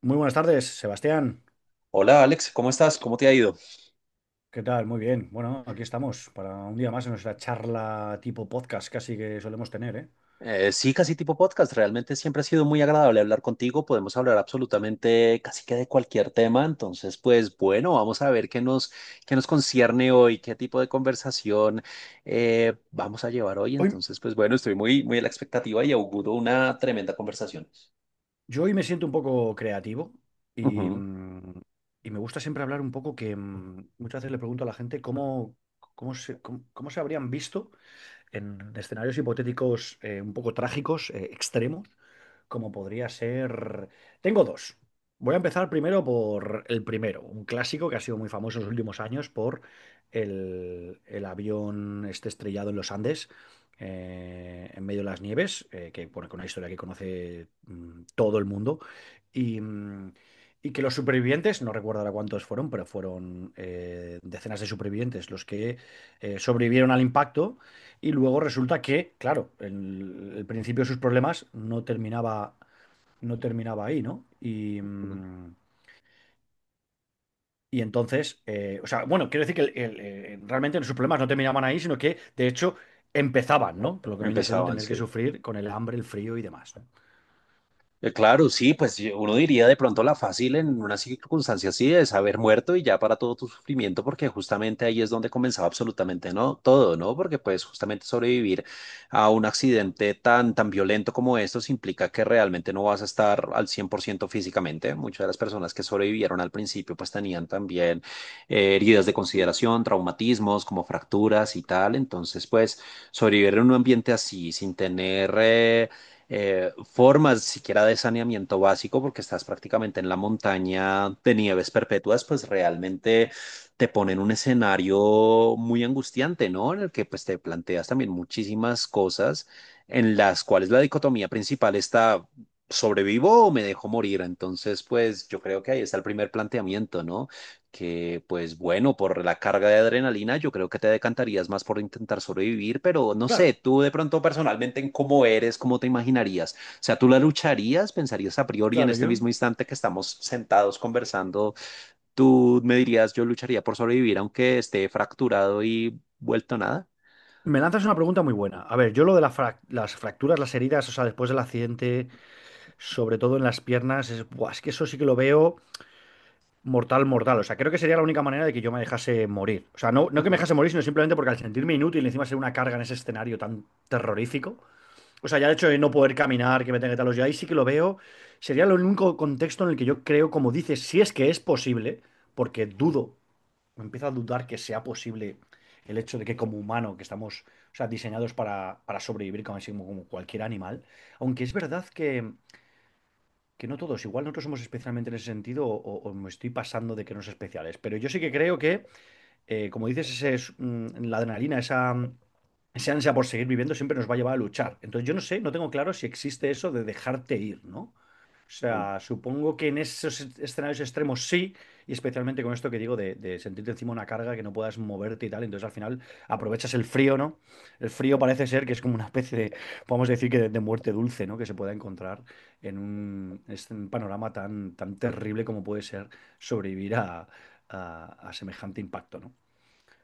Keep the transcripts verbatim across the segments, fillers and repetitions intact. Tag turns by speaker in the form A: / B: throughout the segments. A: Muy buenas tardes, Sebastián.
B: Hola Alex, ¿cómo estás? ¿Cómo te ha ido?
A: ¿Qué tal? Muy bien. Bueno, aquí estamos para un día más en nuestra charla tipo podcast casi que solemos tener, ¿eh?
B: Eh, sí, casi tipo podcast. Realmente siempre ha sido muy agradable hablar contigo. Podemos hablar absolutamente casi que de cualquier tema. Entonces, pues bueno, vamos a ver qué nos, qué nos concierne hoy, qué tipo de conversación eh, vamos a llevar hoy.
A: Hoy,
B: Entonces, pues bueno, estoy muy, muy a la expectativa y auguro una tremenda conversación.
A: yo hoy me siento un poco creativo y,
B: Ujú,
A: mm, y me gusta siempre hablar un poco que mm, muchas veces le pregunto a la gente cómo, cómo se, cómo, cómo se habrían visto en escenarios hipotéticos eh, un poco trágicos, eh, extremos, como podría ser. Tengo dos. Voy a empezar primero por el primero, un clásico que ha sido muy famoso en los últimos años por el, el avión este estrellado en los Andes, eh, en medio de las nieves, eh, que bueno, que una historia que conoce mm, todo el mundo. Y, mm, y que los supervivientes, no recuerdo ahora cuántos fueron, pero fueron eh, decenas de supervivientes los que eh, sobrevivieron al impacto y luego resulta que, claro, el, el principio de sus problemas no terminaba, no terminaba ahí, ¿no? Y,
B: ujú.
A: mm, y entonces, eh, o sea, bueno, quiero decir que el- el, eh, realmente sus problemas no terminaban ahí, sino que, de hecho, empezaban, ¿no? Por lo que viene siendo
B: Empezaban,
A: tener que
B: sí.
A: sufrir con el hambre, el frío y demás, ¿no?
B: Eh, Claro, sí, pues yo- uno diría de pronto la fácil en una circunstancia así es haber muerto y ya para todo tu sufrimiento, porque justamente ahí es donde comenzaba absolutamente no todo, ¿no? Porque pues justamente sobrevivir a un accidente tan tan violento como estos implica que realmente no vas a estar al cien por ciento físicamente. Muchas de las personas que sobrevivieron al principio pues tenían también eh, heridas de consideración, traumatismos como fracturas y tal. Entonces pues sobrevivir en un ambiente así sin tener... eh, eh, formas siquiera de saneamiento básico, porque estás prácticamente en la montaña de nieves perpetuas, pues realmente te pone en un escenario muy angustiante, ¿no? En el que pues te planteas también muchísimas cosas en las cuales la dicotomía principal está, ¿sobrevivo o me dejo morir? Entonces, pues yo creo que ahí está el primer planteamiento, ¿no? Que pues bueno, por la carga de adrenalina, yo creo que te decantarías más por intentar sobrevivir, pero no sé,
A: Claro,
B: tú de pronto personalmente en cómo eres, cómo te imaginarías. O sea, tú la lucharías, pensarías a priori en
A: claro,
B: este
A: yo.
B: mismo instante que estamos sentados conversando, tú me dirías, yo lucharía por sobrevivir aunque esté fracturado y vuelto nada.
A: Me lanzas una pregunta muy buena. A ver, yo lo de la frac- las fracturas, las heridas, o sea, después del accidente, sobre todo en las piernas, es, buah, es que eso sí que lo veo mortal, mortal. O sea, creo que sería la única manera de que yo me dejase morir. O sea, no, no que me
B: Ujú,
A: dejase morir, sino simplemente porque al sentirme inútil, encima ser una carga en ese escenario tan terrorífico. O sea, ya el hecho de no poder caminar, que me tenga que talos, yo ahí sí que lo veo. Sería el único contexto en el que yo creo, como dices, si es que es posible, porque dudo, me empiezo a dudar que sea posible el hecho de que como humano, que estamos, o sea, diseñados para, para sobrevivir como, así como como cualquier animal. Aunque es verdad que que no todos, igual nosotros somos especialmente en ese sentido o, o- o me estoy pasando de que no es especiales, pero yo sí que creo que eh, como dices, ese, es, mm, la adrenalina, esa, mm, esa ansia por seguir viviendo siempre nos va a llevar a luchar. Entonces yo no sé, no tengo claro si existe eso de dejarte ir, ¿no? O
B: ujú.
A: sea, supongo que en esos escenarios extremos sí, y especialmente con esto que digo de, de sentirte encima una carga que no puedas moverte y tal, entonces al final aprovechas el frío, ¿no? El frío parece ser que es como una especie de, podemos decir que de, de muerte dulce, ¿no? Que se pueda encontrar en un, es un panorama tan, tan terrible como puede ser sobrevivir a, a- a semejante impacto, ¿no?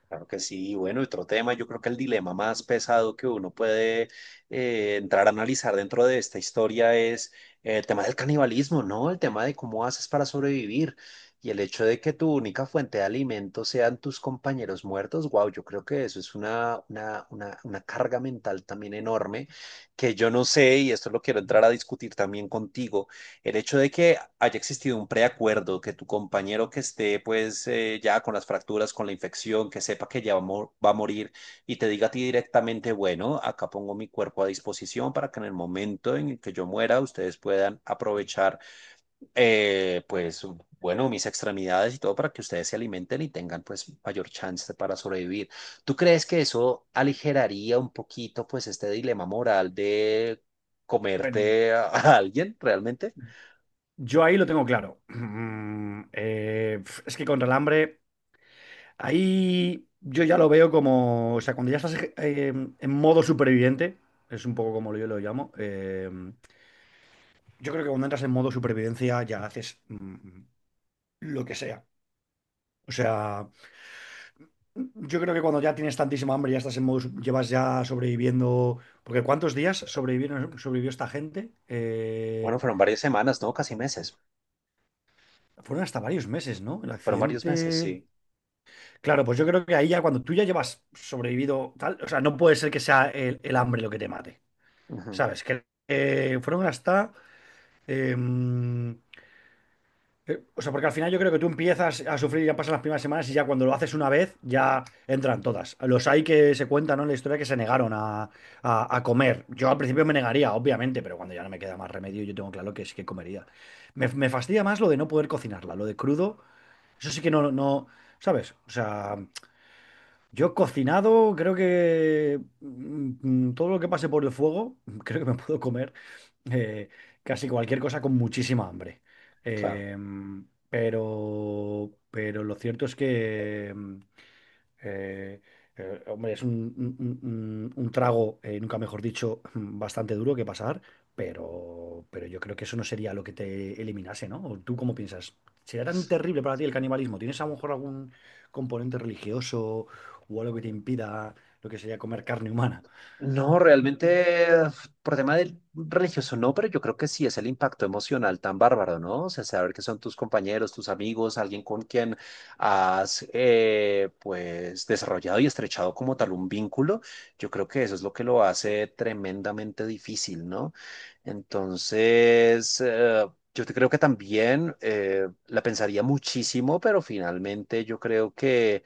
B: Claro que sí, bueno, y bueno, otro tema, yo creo que el dilema más pesado que uno puede eh, entrar a analizar dentro de esta historia es eh, el tema del canibalismo, ¿no? El tema de cómo haces para sobrevivir y el hecho de que tu única fuente de alimento sean tus compañeros muertos, wow, yo creo que eso es una, una, una, una carga mental también enorme que yo no sé, y esto lo quiero
A: A
B: entrar a discutir también contigo. El hecho de que haya existido un preacuerdo, que tu compañero que esté pues eh, ya con las fracturas, con la infección, que sepa que ya va, a mor- va a morir y te diga a ti directamente, bueno, acá pongo mi cuerpo a disposición para que en el momento en el que yo muera ustedes puedan aprovechar eh, pues bueno, mis extremidades y todo para que ustedes se alimenten y tengan pues mayor chance para sobrevivir. ¿Tú crees que eso aligeraría un poquito pues este dilema moral de
A: ver,
B: comerte a a alguien realmente?
A: yo ahí lo tengo claro. Mm, eh, pf, es que con hambre ahí yo ya lo veo como, o sea, cuando ya estás eh, en modo superviviente, es un poco como yo lo llamo, eh, yo creo que cuando entras en modo supervivencia ya haces mm, lo que sea. O sea, yo creo que cuando ya tienes tantísima hambre, ya estás en modo, su- llevas ya sobreviviendo, porque ¿cuántos días sobrevivieron, sobrevivió esta gente? Eh,
B: Bueno, fueron varias semanas, ¿no? Casi meses.
A: fueron hasta varios meses, ¿no? El
B: Fueron varios meses,
A: accidente.
B: sí.
A: Claro, pues yo creo que ahí ya cuando tú ya llevas sobrevivido tal, o sea, no puede ser que sea el, el hambre lo que te mate,
B: Ujú,
A: ¿sabes? Que eh, fueron hasta. eh, eh, o sea, porque al final yo creo que tú empiezas a sufrir, ya pasan las primeras semanas y ya cuando lo haces una vez, ya entran todas. Los hay que se cuentan, ¿no? En la historia que se negaron a, a- a comer. Yo al principio me negaría, obviamente, pero cuando ya no me queda más remedio, yo tengo claro que sí que comería. Me, me fastidia más lo de no poder cocinarla, lo de crudo. Eso sí que no, no, ¿sabes? O sea. Yo he cocinado, creo que mm, mm, todo lo que pase por el fuego, creo que me puedo comer eh, casi cualquier cosa con muchísima hambre.
B: claro.
A: Em, pero, pero lo cierto es que eh, eh, hombre, es un, un- un- un- trago, eh, nunca mejor dicho, bastante duro que pasar, pero, pero yo creo que eso no sería lo que te eliminase, ¿no? ¿O tú cómo piensas? ¿Sería tan terrible para ti el canibalismo? ¿Tienes a lo mejor algún componente religioso o algo que te impida lo que sería comer carne humana?
B: No, realmente por tema del religioso no, pero yo creo que sí es el impacto emocional tan bárbaro, ¿no? O sea, saber que son tus compañeros, tus amigos, alguien con quien has eh, pues desarrollado y estrechado como tal un vínculo, yo creo que eso es lo que lo hace tremendamente difícil, ¿no? Entonces, eh, yo te creo que también eh, la pensaría muchísimo, pero finalmente yo creo que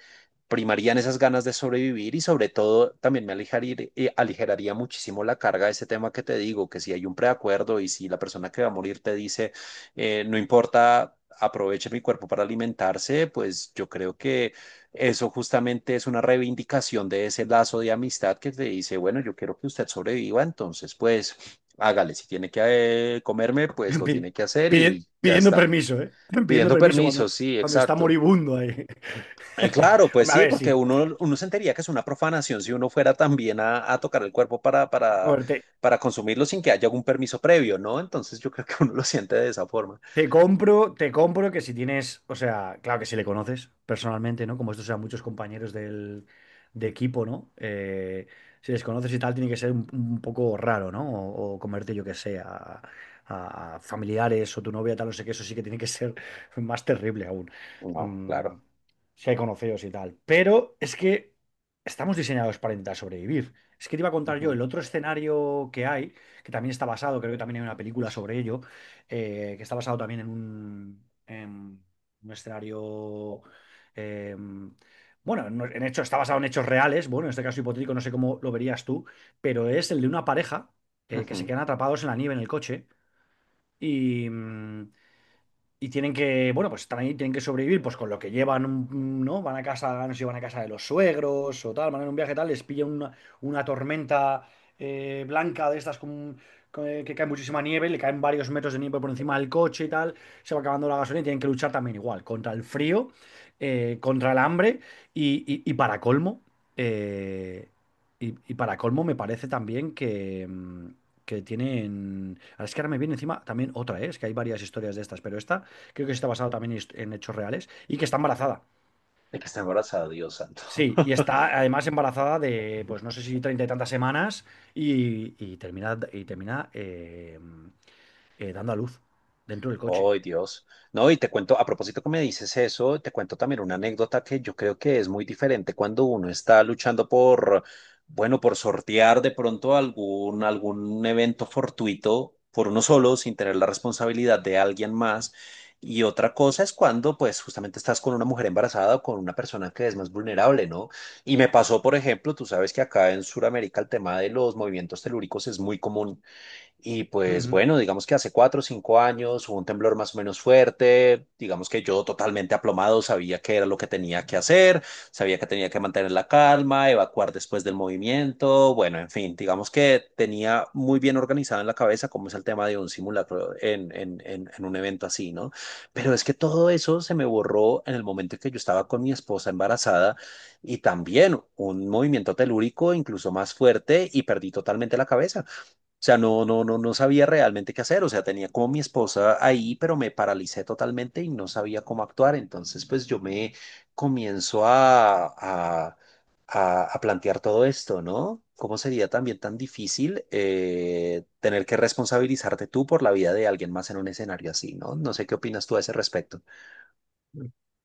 B: primarían esas ganas de sobrevivir y sobre todo también me aligerir- eh, aligeraría muchísimo la carga de ese tema que te digo, que si hay un preacuerdo y si la persona que va a morir te dice, eh, no importa, aproveche mi cuerpo para alimentarse, pues yo creo que eso justamente es una reivindicación de ese lazo de amistad que te dice, bueno, yo quiero que usted sobreviva, entonces pues hágale, si tiene que eh, comerme, pues lo
A: Pi-
B: tiene que hacer
A: pidi-
B: y ya
A: Pidiendo
B: está.
A: permiso, ¿eh? Pidiendo
B: Pidiendo
A: permiso cuando,
B: permiso, sí,
A: cuando está
B: exacto.
A: moribundo ahí.
B: Eh, claro, pues
A: Hombre, a
B: sí,
A: ver,
B: porque
A: si.
B: uno, uno sentiría que es una profanación si uno fuera también a, a tocar el cuerpo para, para, para consumirlo sin que haya algún permiso previo, ¿no? Entonces yo creo que uno lo siente de esa forma.
A: Te compro, te compro que si tienes, o sea, claro que si le conoces personalmente, ¿no? Como estos sean muchos compañeros del, de equipo, ¿no? Eh, si les conoces y tal, tiene que ser un, un poco raro, ¿no? O, o comerte, yo que sé, a, a familiares o tu novia, tal, no sé qué, eso sí que tiene que ser más terrible aún.
B: No,
A: Mm,
B: claro.
A: si hay conocidos y tal. Pero es que estamos diseñados para intentar sobrevivir. Es que te iba a contar yo
B: Ujú,
A: el otro escenario que hay, que también está basado, creo que también hay una película sobre ello eh, que está basado también en un, en un escenario, eh, bueno, en, en hecho, está basado en hechos reales, bueno, en este caso hipotético, no sé cómo lo verías tú, pero es el de una pareja eh, que se
B: ujú.
A: quedan atrapados en la nieve en el coche y, mm, y tienen que, bueno, pues están ahí, tienen que sobrevivir, pues con lo que llevan, un- ¿no? Van a casa, no sé si van a casa de los suegros o tal, van en un viaje tal, les pilla una, una tormenta eh, blanca de estas con- con- eh, que cae muchísima nieve, le caen varios metros de nieve por encima del coche y tal, se va acabando la gasolina y tienen que luchar también igual, contra el frío, eh, contra el hambre y, y- y para colmo, eh, y, y para colmo me parece también que... mm, que tienen. Ahora es que ahora me viene encima también otra, ¿eh? Es que hay varias historias de estas, pero esta creo que está basado también en hechos reales, y que está embarazada.
B: De que está embarazada, Dios santo.
A: Sí, y está además embarazada de, pues no sé si treinta y tantas semanas, y, y termina, y termina eh, eh, dando a luz dentro del coche.
B: Ay, Dios. No, y te cuento, a propósito que me dices eso, te cuento también una anécdota que yo creo que es muy diferente cuando uno está luchando por, bueno, por sortear de pronto algún, algún evento fortuito por uno solo, sin tener la responsabilidad de alguien más. Y otra cosa es cuando, pues, justamente estás con una mujer embarazada o con una persona que es más vulnerable, ¿no? Y me pasó, por ejemplo, tú sabes que acá en Sudamérica el tema de los movimientos telúricos es muy común. Y pues
A: Ujú.
B: bueno, digamos que hace cuatro o cinco años hubo un temblor más o menos fuerte, digamos que yo totalmente aplomado sabía qué era lo que tenía que hacer, sabía que tenía que mantener la calma, evacuar después del movimiento, bueno, en fin, digamos que tenía muy bien organizado en la cabeza cómo es el tema de un simulacro en, en, en, en un evento así, ¿no? Pero es que todo eso se me borró en el momento en que yo estaba con mi esposa embarazada y también un movimiento telúrico incluso más fuerte y perdí totalmente la cabeza. O sea, no, no, no, no sabía realmente qué hacer. O sea, tenía como mi esposa ahí, pero me paralicé totalmente y no sabía cómo actuar. Entonces, pues yo me comienzo a, a, a- a plantear todo esto, ¿no? ¿Cómo sería también tan difícil eh, tener que responsabilizarte tú por la vida de alguien más en un escenario así, ¿no? No sé qué opinas tú a ese respecto.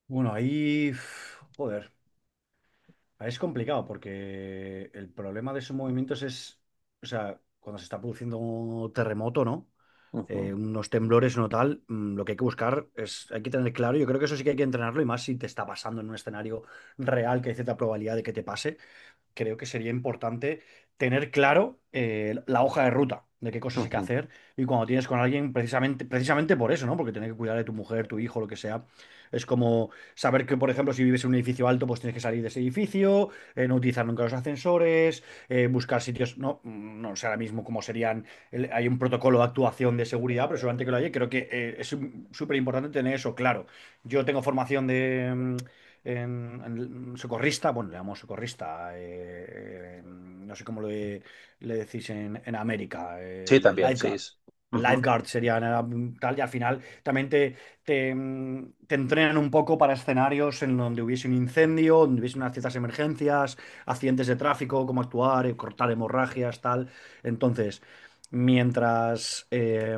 A: Bueno, ahí, uf, joder. Ah, es complicado porque el problema de esos movimientos es, o sea, cuando se está produciendo un terremoto, ¿no? Eh,
B: Ujú,
A: unos temblores, no tal, mm, lo que hay que buscar es, hay que tener claro, yo creo que eso sí que hay que entrenarlo y más si te está pasando en un escenario real que hay cierta probabilidad de que te pase, creo que sería importante tener claro eh, la hoja de ruta de qué cosas hay que
B: ujú.
A: hacer y cuando tienes con alguien precisamente, precisamente por eso, ¿no? Porque tener que cuidar de tu mujer, tu hijo, lo que sea. Es como saber que, por ejemplo, si vives en un edificio alto, pues tienes que salir de ese edificio, eh, no utilizar nunca los ascensores, eh, buscar sitios, no, no sé ahora mismo cómo serían, el- hay un protocolo de actuación de seguridad, pero seguramente que lo hay, creo que eh, es súper importante tener eso claro. Yo tengo formación de mm, en, en socorrista, bueno, le llamamos socorrista, eh, eh, mm, no sé cómo le, le decís en, en América,
B: Sí,
A: el, el
B: también, sí.
A: lifeguard.
B: Es-
A: El
B: ujú.
A: lifeguard sería nada, mm, tal, y al final también te, te, mm, te entrenan un poco para escenarios en donde hubiese un incendio, donde hubiese unas ciertas emergencias, accidentes de tráfico, cómo actuar, eh, cortar hemorragias, tal. Entonces, mientras eh,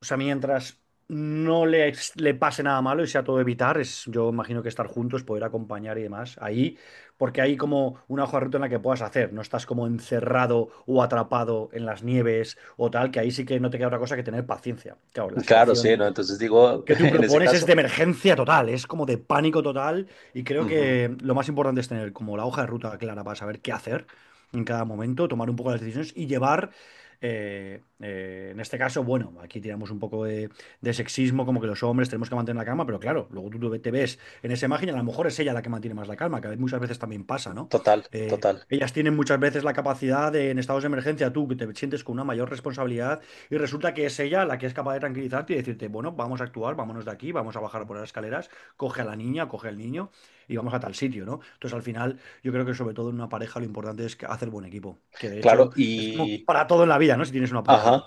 A: o sea, mientras no le, ex- le pase nada malo y sea todo evitar, es, yo imagino que estar juntos, poder acompañar y demás. Ahí, porque hay como una hoja de ruta en la que puedas hacer, no estás como encerrado o atrapado en las nieves o tal, que ahí sí que no te queda otra cosa que tener paciencia. Claro, la
B: Claro, sí,
A: situación
B: ¿no? Entonces digo,
A: que tú
B: en ese
A: propones es de
B: caso,
A: emergencia total, es como de pánico total y creo
B: ujú,
A: que lo más importante es tener como la hoja de ruta clara para saber qué hacer en cada momento, tomar un poco las decisiones y llevar, eh, eh, en este caso, bueno, aquí tiramos un poco de, de sexismo, como que los hombres tenemos que mantener la calma, pero claro, luego tú te ves en esa imagen y a lo mejor es ella la que mantiene más la calma, que muchas veces también pasa, ¿no?
B: total,
A: Eh,
B: total.
A: ellas tienen muchas veces la capacidad de, en estados de emergencia, tú que te sientes con una mayor responsabilidad, y resulta que es ella la que es capaz de tranquilizarte y decirte, bueno, vamos a actuar, vámonos de aquí, vamos a bajar por las escaleras, coge a la niña, coge al niño y vamos a tal sitio, ¿no? Entonces al final yo creo que sobre todo en una pareja lo importante es que- hacer buen equipo, que de
B: Claro,
A: hecho es como
B: y...
A: para todo en la vida, ¿no? Si tienes una pareja.
B: Ajá.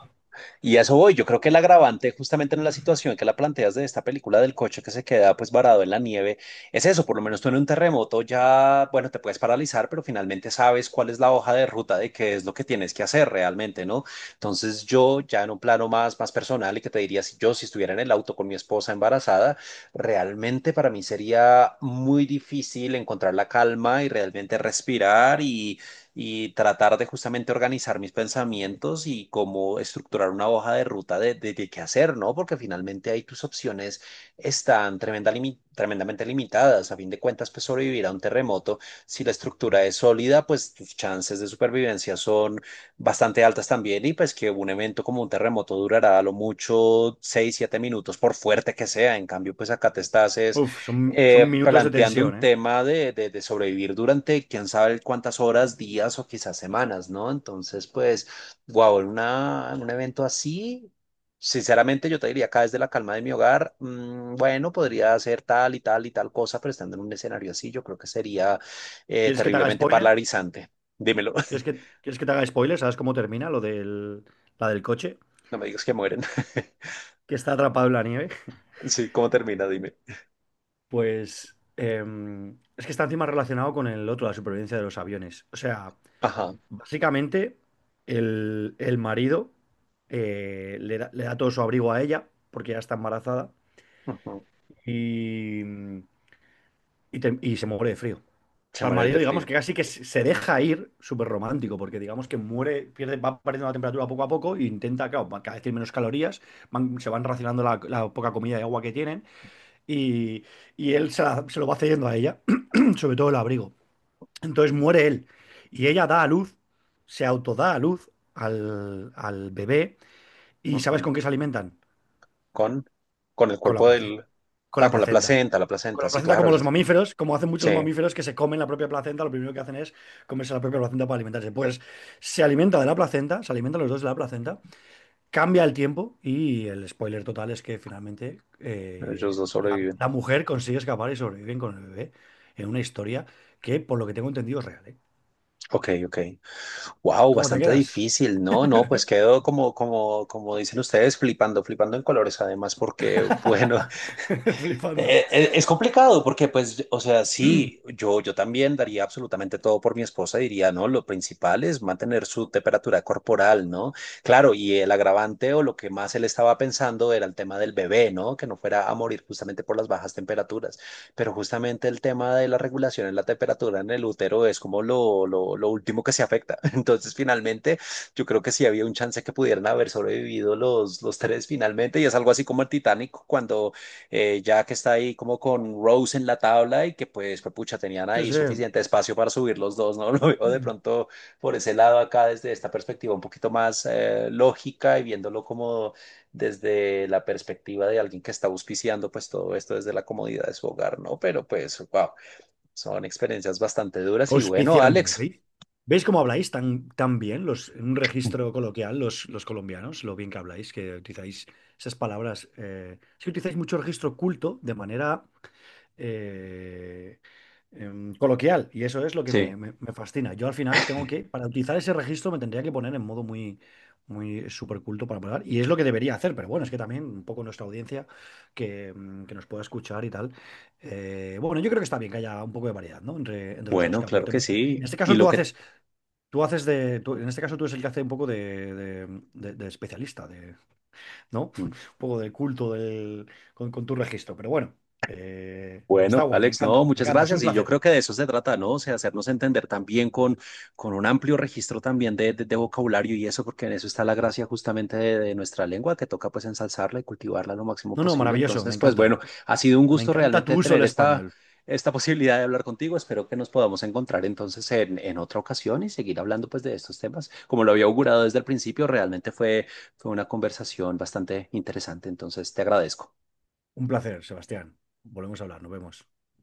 B: Y a eso voy. Yo creo que el agravante, justamente en la situación que la planteas de esta película del coche que se queda pues varado en la nieve, es eso. Por lo menos tú en un terremoto ya, bueno, te puedes paralizar, pero finalmente sabes cuál es la hoja de ruta de qué es lo que tienes que hacer realmente, ¿no? Entonces yo ya en un plano más, más personal y que te diría, si yo si estuviera en el auto con mi esposa embarazada, realmente para mí sería muy difícil encontrar la calma y realmente respirar y y tratar de justamente organizar mis pensamientos y cómo estructurar una hoja de ruta de, de, de qué hacer, ¿no? Porque finalmente ahí tus opciones están tremenda limi- tremendamente limitadas. A fin de cuentas, pues sobrevivir a un terremoto, si la estructura es sólida, pues tus chances de supervivencia son bastante altas también y pues que un evento como un terremoto durará a lo mucho seis siete minutos, por fuerte que sea. En cambio, pues acá te estás es
A: Uf, son, son
B: eh,
A: minutos de
B: planteando
A: tensión,
B: un
A: ¿eh?
B: tema de, de, de sobrevivir durante quién sabe cuántas horas, días o quizás semanas, ¿no? Entonces, pues, wow, en una, en un evento así, sinceramente yo te diría acá desde la calma de mi hogar, mm, bueno, podría hacer tal y tal y tal cosa, pero estando en un escenario así, yo creo que sería eh,
A: ¿Quieres que te haga
B: terriblemente
A: spoiler?
B: paralizante. Dímelo,
A: ¿Quieres que, quieres que te haga spoiler? ¿Sabes cómo termina lo del, la del coche?
B: no me digas que
A: Que,
B: mueren.
A: que está atrapado en la nieve.
B: Sí, ¿cómo termina? Dime.
A: Pues em, es que está encima relacionado con el otro, la supervivencia de los aviones. O sea...
B: Ajá.
A: Básicamente, el, el marido eh, le da, le da todo su abrigo a ella, porque ya está embarazada,
B: Ujú.
A: y, y te- y se muere de frío. O
B: Se
A: sea, el
B: muere el de
A: marido, digamos
B: frío.
A: que casi que se se deja ir, súper romántico, porque digamos que muere, pierde, va perdiendo la temperatura poco a poco e intenta, claro, va- cada vez tiene menos calorías, van- se van racionando la, la poca comida y agua que tienen, y, y él se, la- se lo va cediendo a ella, sobre todo el abrigo. Entonces muere él y ella da a luz, se autoda a luz al, al bebé y ¿sabes
B: Ujú.
A: con qué se alimentan?
B: con, con el
A: Con la
B: cuerpo
A: placenta,
B: del...
A: con
B: Ah,
A: la
B: con la
A: placenta.
B: placenta, la
A: Con
B: placenta,
A: la
B: sí,
A: placenta como
B: claro. Sí,
A: los mamíferos, como hacen muchos
B: sí,
A: mamíferos que se comen la propia placenta, lo primero que hacen es comerse la propia placenta para alimentarse. Pues se alimenta de la placenta, se alimentan los dos de la placenta, cambia el tiempo y el spoiler total es que finalmente
B: ellos
A: eh,
B: dos
A: la,
B: sobreviven.
A: la mujer consigue escapar y sobreviven con el bebé en una historia que por lo que tengo entendido es real, ¿eh?
B: Ok, ok. Wow,
A: ¿Cómo te
B: bastante
A: quedas?
B: difícil, ¿no? No, pues quedó como, como, como dicen ustedes, flipando, flipando en colores, además, porque, bueno,
A: Flipando.
B: Eh, eh, Es complicado porque, pues, o sea, sí, yo, yo también daría absolutamente todo por mi esposa, diría, no, lo principal es mantener su temperatura corporal, ¿no? Claro, y el agravante o lo que más él estaba pensando era el tema del bebé, ¿no? Que no fuera a morir justamente por las bajas temperaturas, pero justamente el tema de la regulación en la temperatura en el útero es como lo, lo, lo último que se afecta. Entonces, finalmente, yo creo que sí había un chance que pudieran haber sobrevivido los, los tres finalmente, y es algo así como el Titanic cuando eh, ya que está ahí como con Rose en la tabla y que pues, pues, pucha, tenían
A: Sí,
B: ahí
A: sí.
B: suficiente espacio para subir los dos, ¿no? Lo veo de
A: Mm.
B: pronto por ese lado acá desde esta perspectiva un poquito más eh, lógica y viéndolo como desde la perspectiva de alguien que está auspiciando pues todo esto desde la comodidad de su hogar, ¿no? Pero pues, wow, son experiencias bastante duras y bueno,
A: Auspiciando,
B: Alex.
A: ¿veis? ¿Veis cómo
B: de-
A: habláis tan, tan bien los, en un registro coloquial los, los colombianos? Lo bien que habláis, que utilizáis esas palabras. Eh, es Utilizáis mucho registro culto de manera eh, em, coloquial y eso es lo que me,
B: Sí.
A: me- me fascina. Yo al final tengo que, para utilizar ese registro me tendría que poner en modo muy, muy súper culto para hablar y es lo que debería hacer, pero bueno, es que también un poco nuestra audiencia que, mm, que nos pueda escuchar y tal. Eh, bueno, yo creo que está bien que haya un poco de variedad, ¿no? Entre, entre los dos,
B: Bueno,
A: que
B: claro que
A: aportemos ahí. En
B: sí.
A: este
B: Y
A: caso
B: lo
A: tú
B: que...
A: haces, tú haces de, tú- en este caso tú eres el que hace un poco de, de- de- de especialista, de, ¿no? Un poco de culto del- con, con tu registro, pero bueno. eh, Está
B: Bueno,
A: guay, me
B: Alex, no,
A: encanta, me
B: muchas
A: encanta, es un
B: gracias. Y yo
A: placer.
B: creo que de eso se trata, ¿no? O sea, hacernos entender también con, con un amplio registro también de, de- de vocabulario y eso, porque en eso está la gracia justamente de, de nuestra lengua, que toca pues ensalzarla y cultivarla lo máximo
A: No, no,
B: posible.
A: maravilloso, me
B: Entonces, pues
A: encanta.
B: bueno, ha sido un
A: Me
B: gusto
A: encanta tu
B: realmente
A: uso del
B: tener esta,
A: español.
B: esta posibilidad de hablar contigo. Espero que nos podamos encontrar entonces en, en otra ocasión y seguir hablando pues de estos temas. Como lo había augurado desde el principio, realmente fue, fue una conversación bastante interesante. Entonces, te agradezco.
A: Un placer, Sebastián. Volvemos a hablar, nos vemos.